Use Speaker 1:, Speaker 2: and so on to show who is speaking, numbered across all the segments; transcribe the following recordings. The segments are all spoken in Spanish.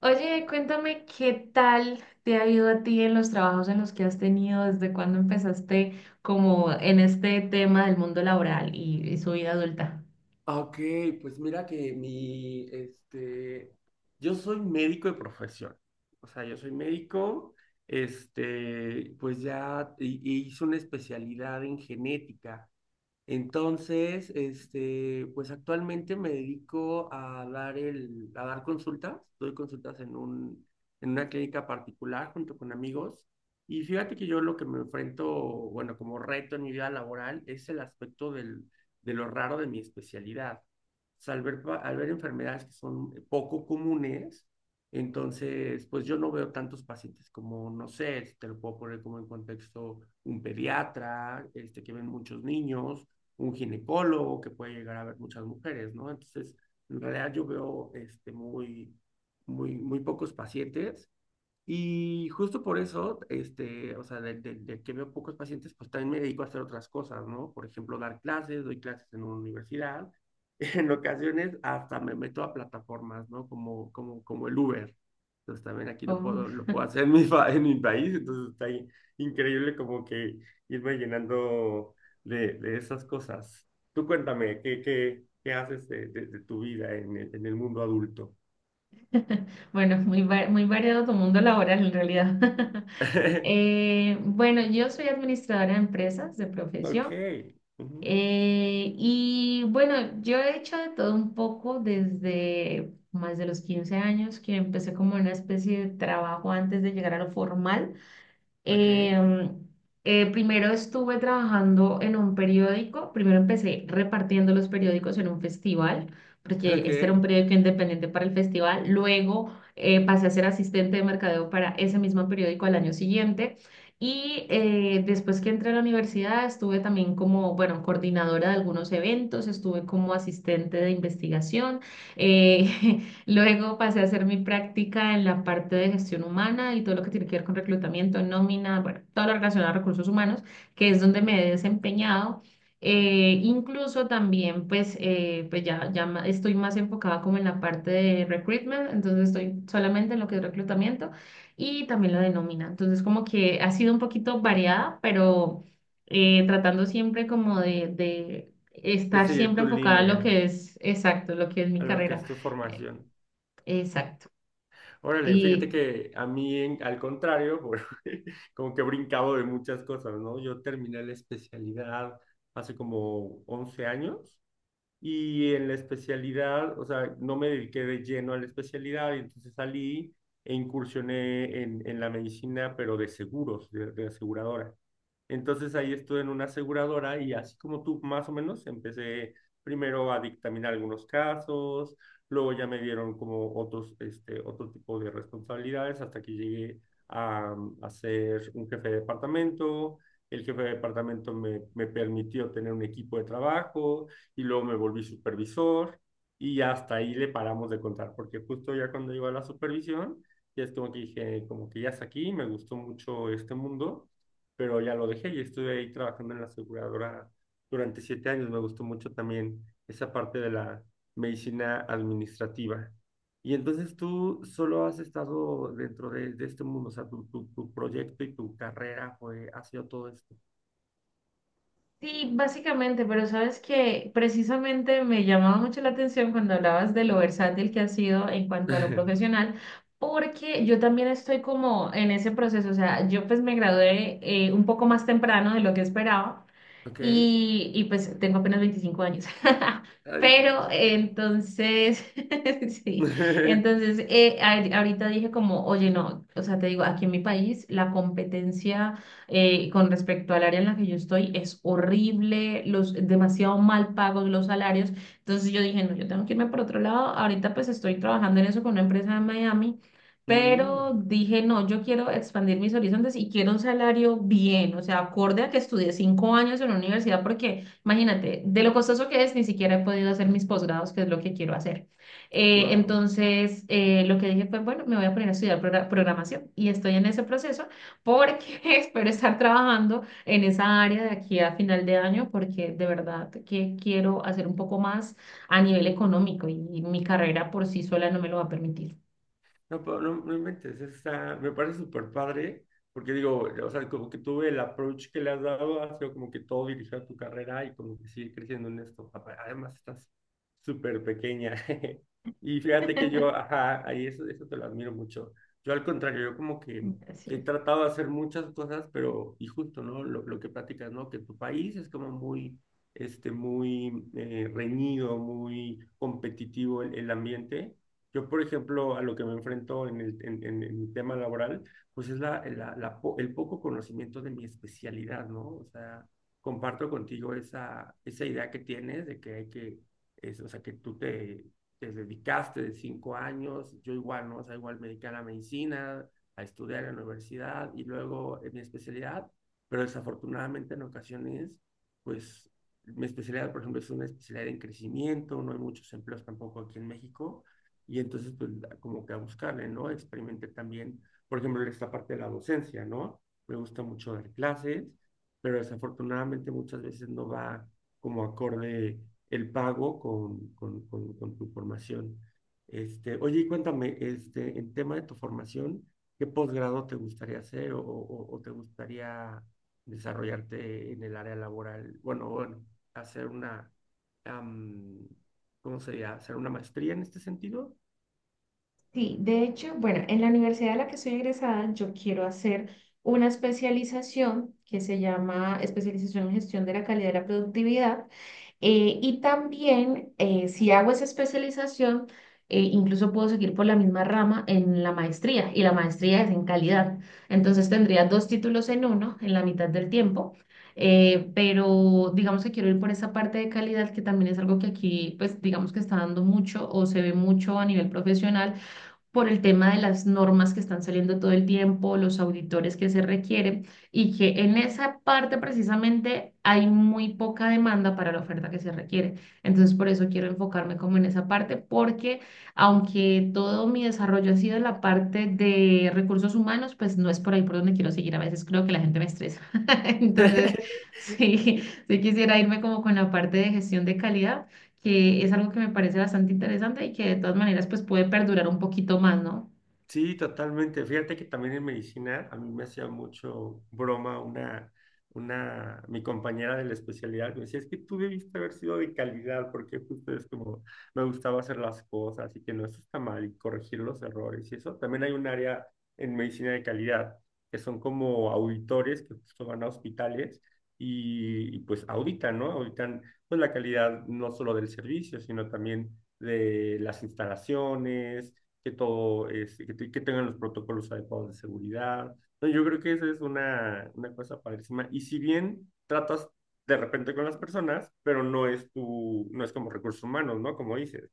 Speaker 1: Oye, cuéntame qué tal te ha ido a ti en los trabajos en los que has tenido, desde cuándo empezaste como en este tema del mundo laboral y su vida adulta.
Speaker 2: Ah, Ok, pues mira que yo soy médico de profesión. O sea, yo soy médico. Pues ya hice una especialidad en genética. Entonces, pues actualmente me dedico a a dar consultas, doy consultas en una clínica particular junto con amigos. Y fíjate que yo lo que me enfrento, bueno, como reto en mi vida laboral es el aspecto de lo raro de mi especialidad. O sea, al ver enfermedades que son poco comunes. Entonces, pues yo no veo tantos pacientes como, no sé, si te lo puedo poner como en contexto, un pediatra, que ven muchos niños, un ginecólogo que puede llegar a ver muchas mujeres, ¿no? Entonces, en realidad yo veo muy, muy, muy pocos pacientes. Y justo por eso, o sea, de que veo pocos pacientes, pues también me dedico a hacer otras cosas, ¿no? Por ejemplo, dar clases, doy clases en una universidad. En ocasiones hasta me meto a plataformas, ¿no? Como el Uber. Entonces también aquí lo
Speaker 1: Oh.
Speaker 2: puedo, lo puedo hacer en mi país. Entonces está increíble como que irme llenando de esas cosas. Tú cuéntame, ¿qué haces de tu vida en el mundo adulto?
Speaker 1: Bueno, muy variado tu mundo laboral en realidad. Bueno, yo soy administradora de empresas de
Speaker 2: Ok.
Speaker 1: profesión.
Speaker 2: Ujú.
Speaker 1: Y bueno, yo he hecho de todo un poco desde más de los 15 años que empecé como una especie de trabajo antes de llegar a lo formal.
Speaker 2: Ok,
Speaker 1: Eh, Primero estuve trabajando en un periódico, primero empecé repartiendo los periódicos en un festival, porque
Speaker 2: ok.
Speaker 1: este era un periódico independiente para el festival, luego pasé a ser asistente de mercadeo para ese mismo periódico al año siguiente y después que entré a la universidad estuve también como, bueno, coordinadora de algunos eventos, estuve como asistente de investigación. eh, Luego pasé a hacer mi práctica en la parte de gestión humana y todo lo que tiene que ver con reclutamiento, nómina, bueno, todo lo relacionado a recursos humanos, que es donde me he desempeñado. Incluso también, pues, ya estoy más enfocada como en la parte de recruitment, entonces estoy solamente en lo que es reclutamiento y también la de nómina. Entonces, como que ha sido un poquito variada, pero tratando siempre como de
Speaker 2: Es
Speaker 1: estar
Speaker 2: seguir
Speaker 1: siempre
Speaker 2: tu
Speaker 1: enfocada a lo
Speaker 2: línea,
Speaker 1: que es exacto, lo que es mi
Speaker 2: a lo que
Speaker 1: carrera.
Speaker 2: es tu formación.
Speaker 1: Exacto.
Speaker 2: Órale, fíjate
Speaker 1: Y
Speaker 2: que a mí, al contrario, bueno, como que he brincado de muchas cosas, ¿no? Yo terminé la especialidad hace como 11 años. Y en la especialidad, o sea, no me dediqué de lleno a la especialidad, y entonces salí e incursioné en la medicina, pero de seguros, de aseguradora. Entonces ahí estuve en una aseguradora y así como tú, más o menos, empecé primero a dictaminar algunos casos, luego ya me dieron como otros, otro tipo de responsabilidades hasta que llegué a, a ser un jefe de departamento. El jefe de departamento me permitió tener un equipo de trabajo y luego me volví supervisor y hasta ahí le paramos de contar, porque justo ya cuando iba a la supervisión, ya es como que dije, como que ya es aquí, me gustó mucho este mundo, pero ya lo dejé y estuve ahí trabajando en la aseguradora durante 7 años. Me gustó mucho también esa parte de la medicina administrativa. Y entonces tú solo has estado dentro de este mundo, o sea, tu proyecto y tu carrera fue, ha sido todo esto.
Speaker 1: sí, básicamente, pero sabes que precisamente me llamaba mucho la atención cuando hablabas de lo versátil que has sido en cuanto a lo profesional, porque yo también estoy como en ese proceso, o sea, yo pues me gradué un poco más temprano de lo que esperaba.
Speaker 2: ¿Ok?
Speaker 1: Y pues tengo apenas 25 años.
Speaker 2: Ay,
Speaker 1: Pero
Speaker 2: chique.
Speaker 1: entonces, sí, entonces ahorita dije como, oye, no, o sea, te digo, aquí en mi país la competencia con respecto al área en la que yo estoy es horrible, los demasiado mal pagos los salarios. Entonces yo dije, no, yo tengo que irme por otro lado. Ahorita pues estoy trabajando en eso con una empresa de Miami,
Speaker 2: Mm,
Speaker 1: pero dije, no, yo quiero expandir mis horizontes y quiero un salario bien, o sea, acorde a que estudié 5 años en la universidad, porque imagínate, de lo costoso que es, ni siquiera he podido hacer mis posgrados, que es lo que quiero hacer. Eh,
Speaker 2: wow.
Speaker 1: entonces, eh, lo que dije fue, bueno, me voy a poner a estudiar programación y estoy en ese proceso porque espero estar trabajando en esa área de aquí a final de año, porque de verdad que quiero hacer un poco más a nivel económico, y mi carrera por sí sola no me lo va a permitir.
Speaker 2: No, no, no inventes, eso está, me parece súper padre, porque digo, o sea, como que tuve el approach que le has dado, ha sido como que todo dirigido a tu carrera y como que sigue creciendo en esto. Además, estás súper pequeña. Y fíjate que yo, ajá, ahí eso, eso te lo admiro mucho. Yo al contrario, yo como que he
Speaker 1: Gracias.
Speaker 2: tratado de hacer muchas cosas, pero, y justo, ¿no? Lo que platicas, ¿no? Que tu país es como muy, muy reñido, muy competitivo el ambiente. Yo, por ejemplo, a lo que me enfrento en el, en mi tema laboral, pues es el poco conocimiento de mi especialidad, ¿no? O sea, comparto contigo esa idea que tienes de que hay que, es, o sea, que te dedicaste de 5 años, yo igual, ¿no? O sea, igual me dediqué a la medicina, a estudiar en la universidad y luego en mi especialidad, pero desafortunadamente en ocasiones, pues mi especialidad, por ejemplo, es una especialidad en crecimiento, no hay muchos empleos tampoco aquí en México. Y entonces, pues como que a buscarle, ¿no? Experimenté también, por ejemplo, esta parte de la docencia, ¿no? Me gusta mucho dar clases, pero desafortunadamente muchas veces no va como acorde el pago con tu formación. Oye, y cuéntame, en tema de tu formación, ¿qué posgrado te gustaría hacer o te gustaría desarrollarte en el área laboral? Bueno, bueno, hacer um, ¿cómo sería? ¿Hacer una maestría en este sentido?
Speaker 1: Sí, de hecho, bueno, en la universidad a la que soy egresada, yo quiero hacer una especialización que se llama especialización en gestión de la calidad y la productividad. Y también, si hago esa especialización, incluso puedo seguir por la misma rama en la maestría, y la maestría es en calidad. Entonces tendría dos títulos en uno, en la mitad del tiempo. Pero digamos que quiero ir por esa parte de calidad, que también es algo que aquí, pues digamos que está dando mucho o se ve mucho a nivel profesional por el tema de las normas que están saliendo todo el tiempo, los auditores que se requieren, y que en esa parte precisamente hay muy poca demanda para la oferta que se requiere. Entonces, por eso quiero enfocarme como en esa parte, porque aunque todo mi desarrollo ha sido en la parte de recursos humanos, pues no es por ahí por donde quiero seguir. A veces creo que la gente me estresa. Entonces, sí, sí quisiera irme como con la parte de gestión de calidad, que es algo que me parece bastante interesante y que de todas maneras pues puede perdurar un poquito más, ¿no?
Speaker 2: Sí, totalmente. Fíjate que también en medicina a mí me hacía mucho broma una, mi compañera de la especialidad me decía, es que tú debiste haber sido de calidad porque justo es como me gustaba hacer las cosas y que no, eso está mal y corregir los errores y eso. También hay un área en medicina de calidad que son como auditores que justo van a hospitales y pues auditan, ¿no? Auditan pues la calidad no solo del servicio, sino también de las instalaciones que todo, es, que, te- que tengan los protocolos adecuados de seguridad. Entonces, yo creo que esa es una cosa padrísima. Y si bien tratas de repente con las personas, pero no es como recursos humanos, ¿no? Como dices.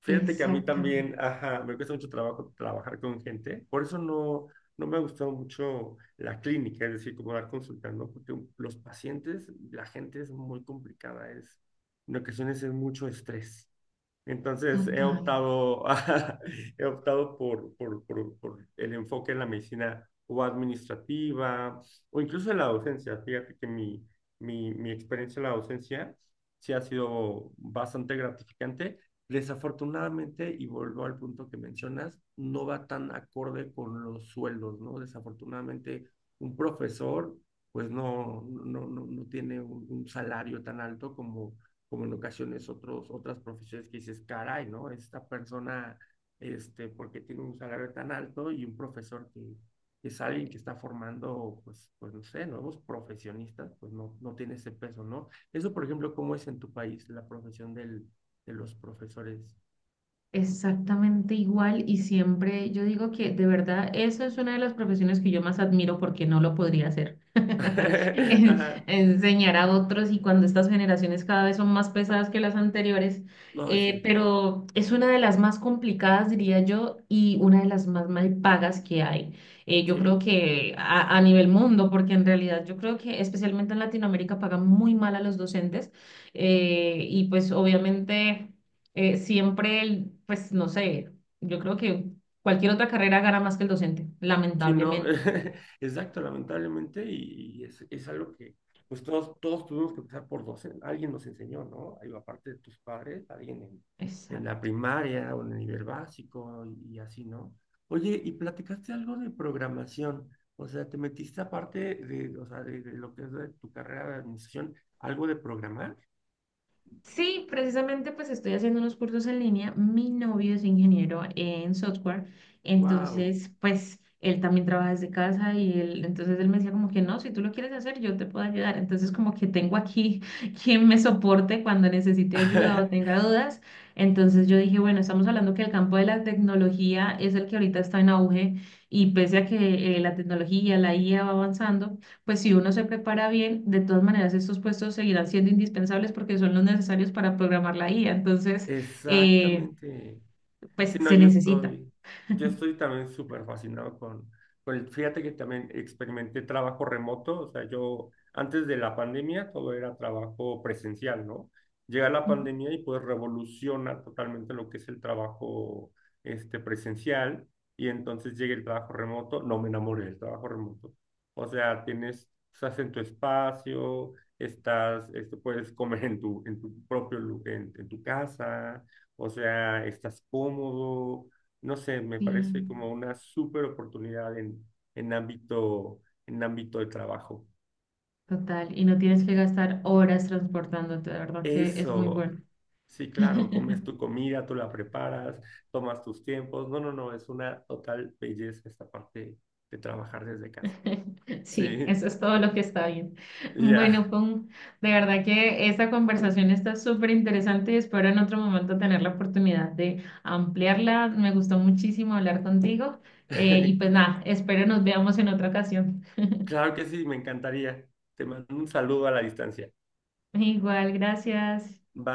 Speaker 2: Fíjate que a mí también,
Speaker 1: Exactamente,
Speaker 2: ajá, me cuesta mucho trabajo trabajar con gente, por eso no, no me ha gustado mucho la clínica, es decir, como dar consultas, ¿no? Porque los pacientes, la gente es muy complicada, es, en ocasiones es mucho estrés. Entonces he
Speaker 1: total.
Speaker 2: optado, he optado por el enfoque en la medicina o administrativa o incluso en la docencia. Fíjate que mi experiencia en la docencia sí ha sido bastante gratificante. Desafortunadamente, y vuelvo al punto que mencionas, no va tan acorde con los sueldos, ¿no? Desafortunadamente, un profesor pues no, no, no, no no tiene un salario tan alto como en ocasiones otras profesiones que dices, caray, ¿no? Esta persona, porque tiene un salario tan alto y un profesor que es alguien que está formando, pues, no sé, nuevos profesionistas, pues no, no tiene ese peso, ¿no? Eso, por ejemplo, ¿cómo es en tu país la profesión de los profesores?
Speaker 1: Exactamente igual, y siempre yo digo que de verdad eso es una de las profesiones que yo más admiro porque no lo podría hacer. En-
Speaker 2: Ajá.
Speaker 1: Enseñar a otros, y cuando estas generaciones cada vez son más pesadas que las anteriores,
Speaker 2: No, sí,
Speaker 1: pero es una de las más complicadas, diría yo, y una de las más mal pagas que hay. Yo creo
Speaker 2: sí.
Speaker 1: que a, nivel mundo, porque en realidad yo creo que especialmente en Latinoamérica pagan muy mal a los docentes, y pues obviamente siempre, pues no sé, yo creo que cualquier otra carrera gana más que el docente,
Speaker 2: Sí, no,
Speaker 1: lamentablemente.
Speaker 2: exacto, lamentablemente, y es algo que pues todos tuvimos que pasar por 12, alguien nos enseñó, ¿no? Algo aparte de tus padres, alguien en la
Speaker 1: Exacto.
Speaker 2: primaria o en el nivel básico y así, ¿no? Oye, y platicaste algo de programación, o sea, te metiste aparte de, o sea, de lo que es de tu carrera de administración, algo de programar,
Speaker 1: Sí, precisamente pues estoy haciendo unos cursos en línea. Mi novio es ingeniero en software,
Speaker 2: wow.
Speaker 1: entonces pues él también trabaja desde casa, y él, entonces él me decía como que no, si tú lo quieres hacer, yo te puedo ayudar. Entonces como que tengo aquí quien me soporte cuando necesite ayuda o tenga dudas. Entonces yo dije, bueno, estamos hablando que el campo de la tecnología es el que ahorita está en auge, y pese a que la tecnología, la IA va avanzando, pues si uno se prepara bien, de todas maneras estos puestos seguirán siendo indispensables porque son los necesarios para programar la IA. Entonces, eh,
Speaker 2: Exactamente.
Speaker 1: pues
Speaker 2: Sí, no,
Speaker 1: se
Speaker 2: yo
Speaker 1: necesita.
Speaker 2: estoy, yo estoy también súper fascinado fíjate que también experimenté trabajo remoto, o sea, yo antes de la pandemia todo era trabajo presencial, ¿no? Llega la
Speaker 1: Ujú.
Speaker 2: pandemia y pues revoluciona totalmente lo que es el trabajo presencial y entonces llega el trabajo remoto, no me enamoré del trabajo remoto, o sea, tienes, estás en tu espacio, puedes comer en tu propio, lu- en tu casa, o sea, estás cómodo. No sé, me
Speaker 1: Sí,
Speaker 2: parece como una súper oportunidad en ámbito de trabajo.
Speaker 1: total. Y no tienes que gastar horas transportándote, de verdad que es muy
Speaker 2: Eso,
Speaker 1: bueno.
Speaker 2: sí, claro, comes tu comida, tú la preparas, tomas tus tiempos. No, no, no, es una total belleza esta parte de trabajar desde casa.
Speaker 1: Sí,
Speaker 2: Sí,
Speaker 1: eso es todo lo que está bien. Bueno,
Speaker 2: ya.
Speaker 1: Pum, de verdad que esta conversación está súper interesante, y espero en otro momento tener la oportunidad de ampliarla. Me gustó muchísimo hablar contigo, y pues nada, espero nos veamos en otra ocasión.
Speaker 2: Claro que sí, me encantaría. Te mando un saludo a la distancia.
Speaker 1: Igual, gracias.
Speaker 2: Bye.